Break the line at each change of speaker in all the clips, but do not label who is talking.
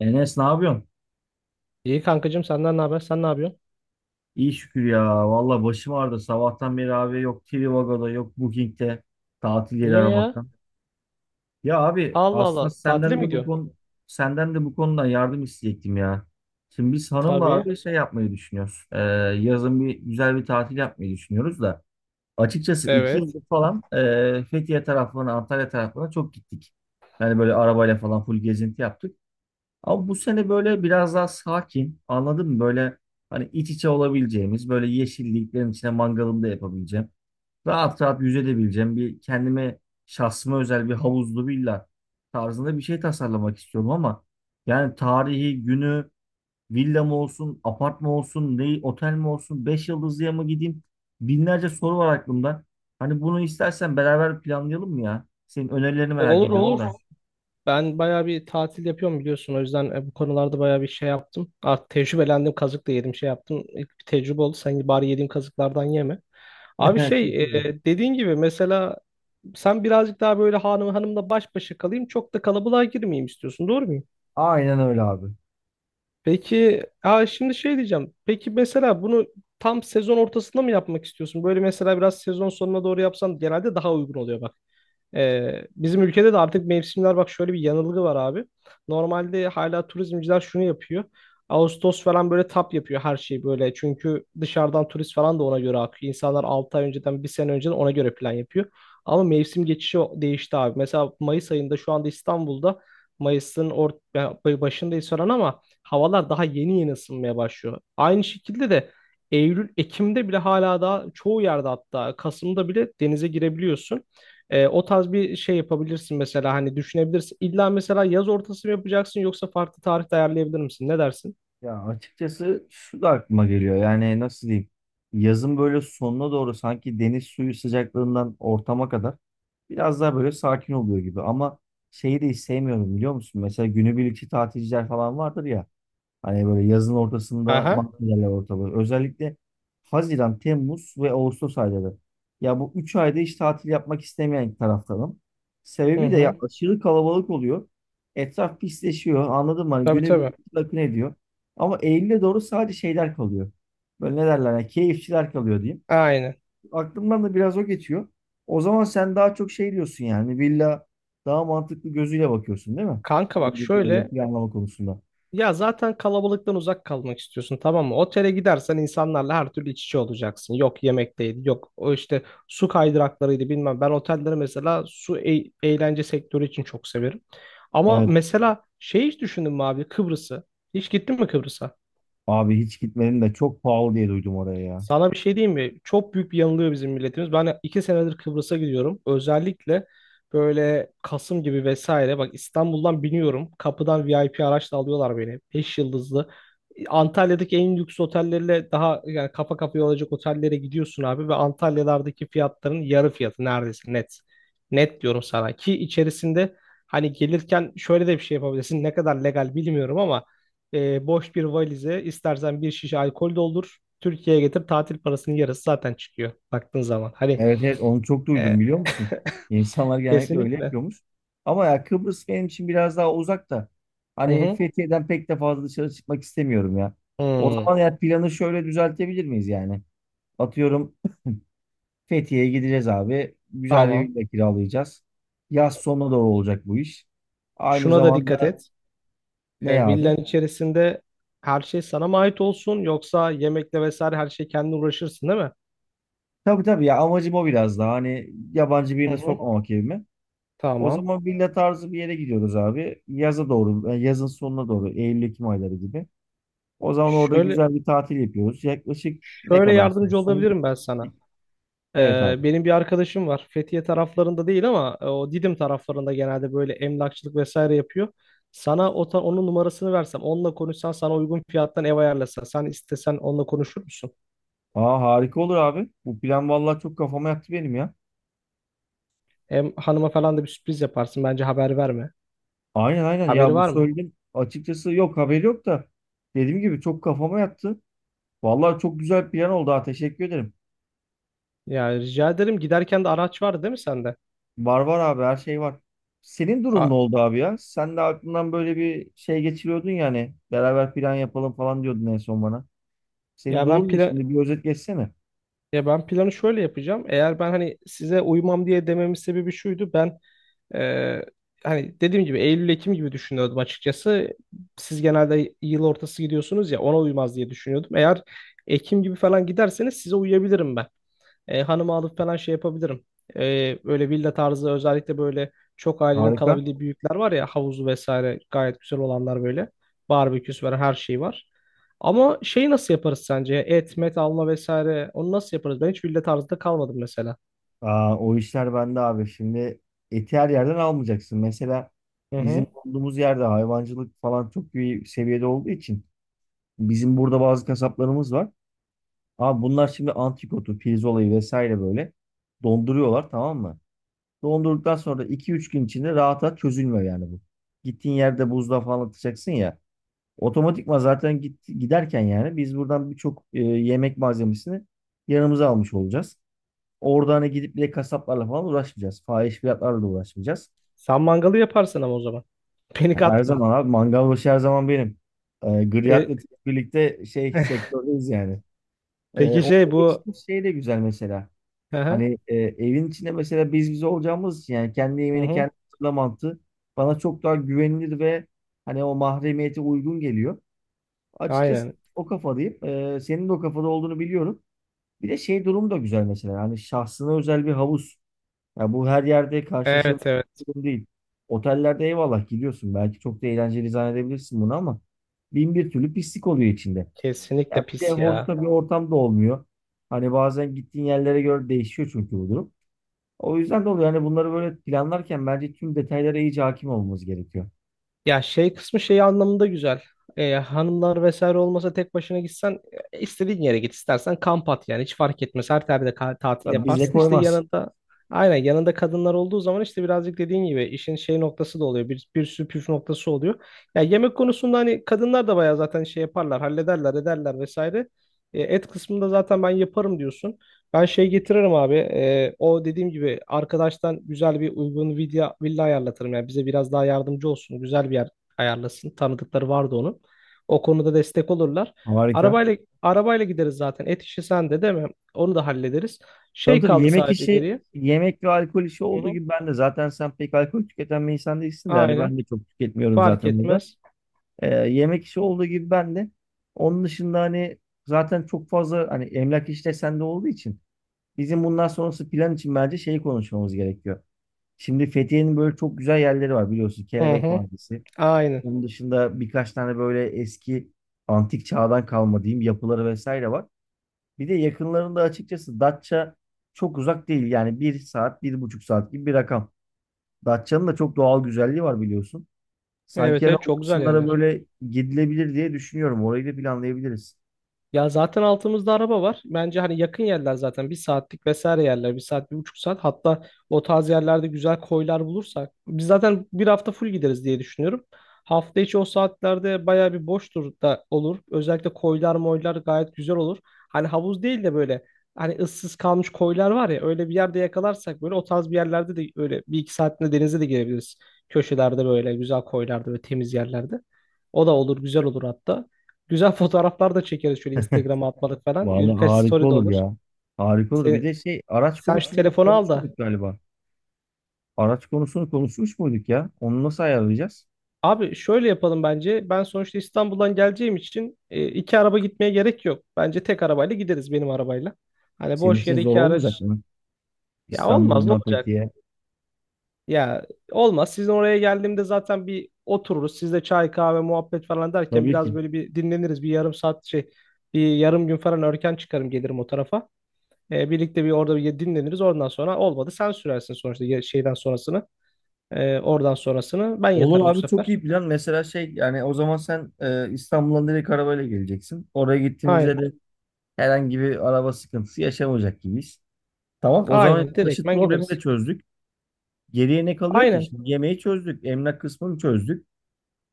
Enes ne yapıyorsun?
İyi kankacığım, senden ne haber? Sen ne yapıyorsun?
İyi şükür ya. Valla başım ağrıdı. Sabahtan beri abi yok Trivago'da yok Booking'te tatil yeri
Niye ya?
aramaktan. Ya abi
Allah
aslında
Allah. Tatile
senden
mi
de bu
gidiyorsun?
konu senden de bu konuda yardım isteyecektim ya. Şimdi biz hanımla
Tabii.
abi şey yapmayı düşünüyoruz. Yazın bir güzel bir tatil yapmayı düşünüyoruz da. Açıkçası iki
Evet.
yıldır falan Fethiye taraflarına, Antalya taraflarına çok gittik. Yani böyle arabayla falan full gezinti yaptık. Ama bu sene böyle biraz daha sakin, anladın mı? Böyle hani iç içe olabileceğimiz, böyle yeşilliklerin içine mangalımda yapabileceğim. Rahat rahat yüzebileceğim bir kendime şahsıma özel bir havuzlu villa tarzında bir şey tasarlamak istiyorum ama yani tarihi, günü, villa mı olsun, apart mı olsun, ne, otel mi olsun, beş yıldızlıya mı gideyim? Binlerce soru var aklımda. Hani bunu istersen beraber planlayalım mı ya? Senin önerilerini merak
Olur
ediyorum Olur.
olur.
da.
Ben bayağı bir tatil yapıyorum biliyorsun. O yüzden bu konularda bayağı bir şey yaptım. Artık tecrübelendim. Kazık da yedim şey yaptım. İlk bir tecrübe oldu. Sen bari yediğim kazıklardan yeme. Abi şey dediğin gibi mesela sen birazcık daha böyle hanım hanımla baş başa kalayım. Çok da kalabalığa girmeyeyim istiyorsun. Doğru mu?
Aynen öyle abi.
Peki, ha şimdi şey diyeceğim. Peki mesela bunu tam sezon ortasında mı yapmak istiyorsun? Böyle mesela biraz sezon sonuna doğru yapsan genelde daha uygun oluyor bak. Bizim ülkede de artık mevsimler bak şöyle bir yanılgı var abi. Normalde hala turizmciler şunu yapıyor. Ağustos falan böyle tap yapıyor her şeyi böyle. Çünkü dışarıdan turist falan da ona göre akıyor. İnsanlar 6 ay önceden, bir sene önceden ona göre plan yapıyor. Ama mevsim geçişi değişti abi. Mesela Mayıs ayında şu anda İstanbul'da Mayıs'ın başındayız falan ama havalar daha yeni yeni ısınmaya başlıyor. Aynı şekilde de Eylül, Ekim'de bile hala daha çoğu yerde hatta Kasım'da bile denize girebiliyorsun. O tarz bir şey yapabilirsin mesela hani düşünebilirsin. İlla mesela yaz ortası mı yapacaksın yoksa farklı tarihte ayarlayabilir misin? Ne dersin?
Ya açıkçası şu da aklıma geliyor. Yani nasıl diyeyim? Yazın böyle sonuna doğru sanki deniz suyu sıcaklığından ortama kadar biraz daha böyle sakin oluyor gibi. Ama şeyi de hiç sevmiyorum biliyor musun? Mesela günübirlikçi tatilciler falan vardır ya. Hani böyle yazın ortasında
Aha.
mahvedenler ortalığı. Özellikle Haziran, Temmuz ve Ağustos ayları. Ya bu üç ayda hiç tatil yapmak istemeyen taraftarım.
Hı
Sebebi de ya
hı.
aşırı kalabalık oluyor. Etraf pisleşiyor. Anladın mı? Hani
Tabii
güne bir
tabii.
akın ediyor. Ama Eylül'e doğru sadece şeyler kalıyor. Böyle ne derler? Ya, keyifçiler kalıyor diyeyim.
Aynen.
Aklımdan da biraz o geçiyor. O zaman sen daha çok şey diyorsun yani. Villa daha mantıklı gözüyle bakıyorsun değil mi?
Kanka bak
Anladığım kadarıyla
şöyle
planlama konusunda.
ya zaten kalabalıktan uzak kalmak istiyorsun, tamam mı? Otele gidersen insanlarla her türlü iç içe olacaksın. Yok yemekteydi, yok o işte su kaydıraklarıydı bilmem. Ben otelleri mesela su eğlence sektörü için çok severim. Ama
Evet.
mesela şey hiç düşündün mü abi Kıbrıs'ı? Hiç gittin mi Kıbrıs'a?
Abi hiç gitmedim de çok pahalı diye duydum oraya ya.
Sana bir şey diyeyim mi? Çok büyük bir yanılıyor bizim milletimiz. Ben iki senedir Kıbrıs'a gidiyorum. Özellikle böyle Kasım gibi vesaire. Bak İstanbul'dan biniyorum. Kapıdan VIP araçla alıyorlar beni. Beş yıldızlı. Antalya'daki en lüks otellerle daha yani kafa kafaya olacak otellere gidiyorsun abi. Ve Antalya'lardaki fiyatların yarı fiyatı neredeyse net. Net diyorum sana. Ki içerisinde hani gelirken şöyle de bir şey yapabilirsin. Ne kadar legal bilmiyorum ama boş bir valize istersen bir şişe alkol doldur. Türkiye'ye getir, tatil parasının yarısı zaten çıkıyor baktığın zaman. Hani
Evet evet onu çok duydum
e,
biliyor musun? İnsanlar genellikle öyle
kesinlikle.
yapıyormuş. Ama ya Kıbrıs benim için biraz daha uzak da.
Hı
Hani
hı.
Fethiye'den pek de fazla dışarı çıkmak istemiyorum ya. O
Hmm,
zaman ya planı şöyle düzeltebilir miyiz yani? Atıyorum Fethiye'ye gideceğiz abi. Güzel bir
tamam.
villa kiralayacağız. Yaz sonuna doğru olacak bu iş. Aynı
Şuna da dikkat
zamanda
et.
ne abi?
Villanın içerisinde her şey sana mı ait olsun yoksa yemekle vesaire her şey kendin uğraşırsın değil mi?
Tabii tabii ya amacım o biraz daha. Hani yabancı
Hı
birini
hı.
sokmamak evime. O
Tamam.
zaman villa tarzı bir yere gidiyoruz abi. Yaza doğru, yazın sonuna doğru, Eylül-Ekim ayları gibi. O zaman orada
Şöyle
güzel bir tatil yapıyoruz. Yaklaşık ne
şöyle
kadar
yardımcı
sürsün?
olabilirim ben sana.
Evet abi.
Benim bir arkadaşım var. Fethiye taraflarında değil ama o Didim taraflarında genelde böyle emlakçılık vesaire yapıyor. Sana onun numarasını versem, onunla konuşsan sana uygun fiyattan ev ayarlasa. Sen istesen onunla konuşur musun?
Aa harika olur abi. Bu plan vallahi çok kafama yattı benim ya.
Hem hanıma falan da bir sürpriz yaparsın. Bence haber verme.
Aynen aynen
Haberi
ya bu
var mı?
söyledim. Açıkçası yok haberi yok da dediğim gibi çok kafama yattı. Vallahi çok güzel bir plan oldu ha teşekkür ederim.
Ya rica ederim. Giderken de araç vardı değil mi sende?
Var var abi her şey var. Senin durum ne
Aa,
oldu abi ya? Sen de aklından böyle bir şey geçiriyordun yani. Beraber plan yapalım falan diyordun en son bana.
ya
Senin
ben
durum ne
plan
şimdi? Bir özet geçsene.
ya ben planı şöyle yapacağım. Eğer ben hani size uymam diye dememin sebebi şuydu. Ben Ee, hani dediğim gibi Eylül-Ekim gibi düşünüyordum açıkçası. Siz genelde yıl ortası gidiyorsunuz ya, ona uymaz diye düşünüyordum. Eğer Ekim gibi falan giderseniz size uyabilirim ben. Hanımı alıp falan şey yapabilirim. Böyle villa tarzı özellikle böyle çok ailenin
Harika.
kalabildiği büyükler var ya, havuzu vesaire gayet güzel olanlar böyle. Barbeküsü var, her şey var. Ama şeyi nasıl yaparız sence? Et, met alma vesaire onu nasıl yaparız? Ben hiç villa tarzında kalmadım mesela.
Aa, o işler bende abi. Şimdi eti her yerden almayacaksın. Mesela
Hı hı.
bizim olduğumuz yerde hayvancılık falan çok iyi seviyede olduğu için bizim burada bazı kasaplarımız var. Abi bunlar şimdi antikotu, pirzolayı vesaire böyle donduruyorlar tamam mı? Dondurduktan sonra iki üç gün içinde rahat rahat çözülmüyor yani bu. Gittiğin yerde buzluğa falan atacaksın ya. Otomatikman zaten git, giderken yani biz buradan birçok yemek malzemesini yanımıza almış olacağız. Orada hani gidip bile kasaplarla falan uğraşmayacağız. Fahiş fiyatlarla da uğraşmayacağız.
Sen mangalı yaparsın ama o zaman. Beni
Her
katma.
zaman abi mangal başı her zaman benim. Griyat'la
E,
birlikte şey sektördeyiz yani.
peki şey
Orada
bu,
geçtiğimiz şey de güzel mesela.
hı hı,
Hani evin içinde mesela biz olacağımız için yani kendi
hı
yemeğini
hı,
kendi hazırla mantığı bana çok daha güvenilir ve hani o mahremiyete uygun geliyor. Açıkçası
aynen.
o kafadayım. Senin de o kafada olduğunu biliyorum. Bir de şey durum da güzel mesela. Hani şahsına özel bir havuz. Ya bu her yerde karşılaşabileceğin
Evet evet,
bir durum değil. Otellerde eyvallah gidiyorsun. Belki çok da eğlenceli zannedebilirsin bunu ama bin bir türlü pislik oluyor içinde.
kesinlikle
Ya bir de
pis
hoş
ya.
da bir ortam da olmuyor. Hani bazen gittiğin yerlere göre değişiyor çünkü bu durum. O yüzden de oluyor. Yani bunları böyle planlarken bence tüm detaylara iyice hakim olmamız gerekiyor.
Ya şey kısmı şey anlamında güzel. Hanımlar vesaire olmasa tek başına gitsen istediğin yere git, istersen kamp at, yani hiç fark etmez. Her yerde tatil
Tabii bize
yaparsın işte
koymaz.
yanında, aynen yanında kadınlar olduğu zaman işte birazcık dediğin gibi işin şey noktası da oluyor. Bir sürü püf noktası oluyor. Ya yemek konusunda hani kadınlar da bayağı zaten şey yaparlar, hallederler, ederler vesaire. Et kısmında zaten ben yaparım diyorsun. Ben şey getiririm abi. O dediğim gibi arkadaştan güzel bir uygun villa ayarlatırım. Yani bize biraz daha yardımcı olsun. Güzel bir yer ayarlasın. Tanıdıkları vardı onun. O konuda destek olurlar.
Harika.
Arabayla gideriz zaten. Et işi sende değil mi? Onu da hallederiz.
Tabii
Şey
tabii
kaldı, evet,
yemek
sadece
işi,
geriye.
yemek ve alkol işi
Hı
olduğu
hı.
gibi ben de zaten sen pek alkol tüketen bir insan değilsin de yani ben
Aynen.
de çok tüketmiyorum
Fark
zaten burada.
etmez.
Yemek işi olduğu gibi ben de. Onun dışında hani zaten çok fazla hani emlak işte sende olduğu için bizim bundan sonrası plan için bence şeyi konuşmamız gerekiyor. Şimdi Fethiye'nin böyle çok güzel yerleri var biliyorsun.
Hı
Kelebek
hı.
Vadisi.
Aynen.
Onun dışında birkaç tane böyle eski antik çağdan kalma diyeyim yapıları vesaire var. Bir de yakınlarında açıkçası Datça çok uzak değil. Yani bir saat, bir buçuk saat gibi bir rakam. Datça'nın da çok doğal güzelliği var biliyorsun. Sanki
Evet
yani
evet,
o
çok güzel
kısımlara
yerler.
böyle gidilebilir diye düşünüyorum. Orayı da planlayabiliriz.
Ya zaten altımızda araba var. Bence hani yakın yerler zaten bir saatlik vesaire yerler. Bir saat, bir buçuk saat. Hatta o tarz yerlerde güzel koylar bulursak. Biz zaten bir hafta full gideriz diye düşünüyorum. Hafta içi o saatlerde bayağı bir boştur da olur. Özellikle koylar moylar gayet güzel olur. Hani havuz değil de böyle hani ıssız kalmış koylar var ya, öyle bir yerde yakalarsak böyle o tarz bir yerlerde de öyle bir iki saatinde denize de girebiliriz. Köşelerde böyle güzel koylarda ve temiz yerlerde. O da olur, güzel olur hatta. Güzel fotoğraflar da çekeriz şöyle Instagram'a atmalık falan.
Vallahi
Birkaç
harika
story de
olur
olur.
ya. Harika olur. Bir
Sen,
de şey araç
Sen şu
konusunda
telefonu al da.
konuşmuştuk galiba. Araç konusunu konuşmuş muyduk ya? Onu nasıl ayarlayacağız?
Abi şöyle yapalım bence. Ben sonuçta İstanbul'dan geleceğim için iki araba gitmeye gerek yok. Bence tek arabayla gideriz, benim arabayla. Hani
Senin
boş
için
yere
zor
iki
olmayacak
araç.
mı?
Ya olmaz, ne
İstanbul'dan
olacak?
Fethiye.
Ya olmaz. Sizin oraya geldiğimde zaten bir otururuz. Sizle çay kahve muhabbet falan derken
Tabii
biraz
ki.
böyle bir dinleniriz. Bir yarım saat şey bir yarım gün falan erken çıkarım gelirim o tarafa. Birlikte bir orada bir dinleniriz. Oradan sonra olmadı sen sürersin sonuçta şeyden sonrasını. Oradan sonrasını ben
Olur
yatarım bu
abi çok
sefer.
iyi plan. Mesela şey yani o zaman sen İstanbul'dan direkt arabayla geleceksin. Oraya gittiğimizde
Aynen.
de herhangi bir araba sıkıntısı yaşamayacak gibiyiz. Tamam o zaman
Aynen.
taşıt
Direktmen
problemi de
gideriz.
çözdük. Geriye ne kalıyor ki?
Aynen.
Şimdi yemeği çözdük. Emlak kısmını çözdük.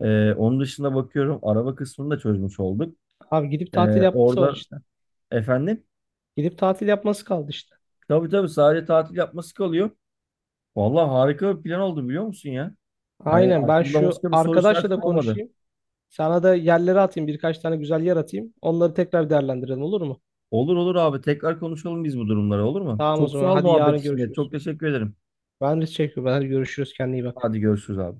Onun dışında bakıyorum araba kısmını da çözmüş olduk.
Abi gidip
E,
tatil yapması var
orada
işte.
efendim
Gidip tatil yapması kaldı işte.
tabii tabii sadece tatil yapması kalıyor. Vallahi harika bir plan oldu biliyor musun ya? Hani
Aynen. Ben
aklımda
şu
başka bir soru işareti
arkadaşla da
kalmadı.
konuşayım. Sana da yerleri atayım. Birkaç tane güzel yer atayım. Onları tekrar değerlendirelim, olur mu?
Olur olur abi. Tekrar konuşalım biz bu durumları olur mu?
Tamam o
Çok
zaman.
sağ ol
Hadi
muhabbet
yarın
için de.
görüşürüz.
Çok teşekkür ederim.
Ben de çekiyorum. Hadi görüşürüz. Kendine iyi bak.
Hadi görüşürüz abi.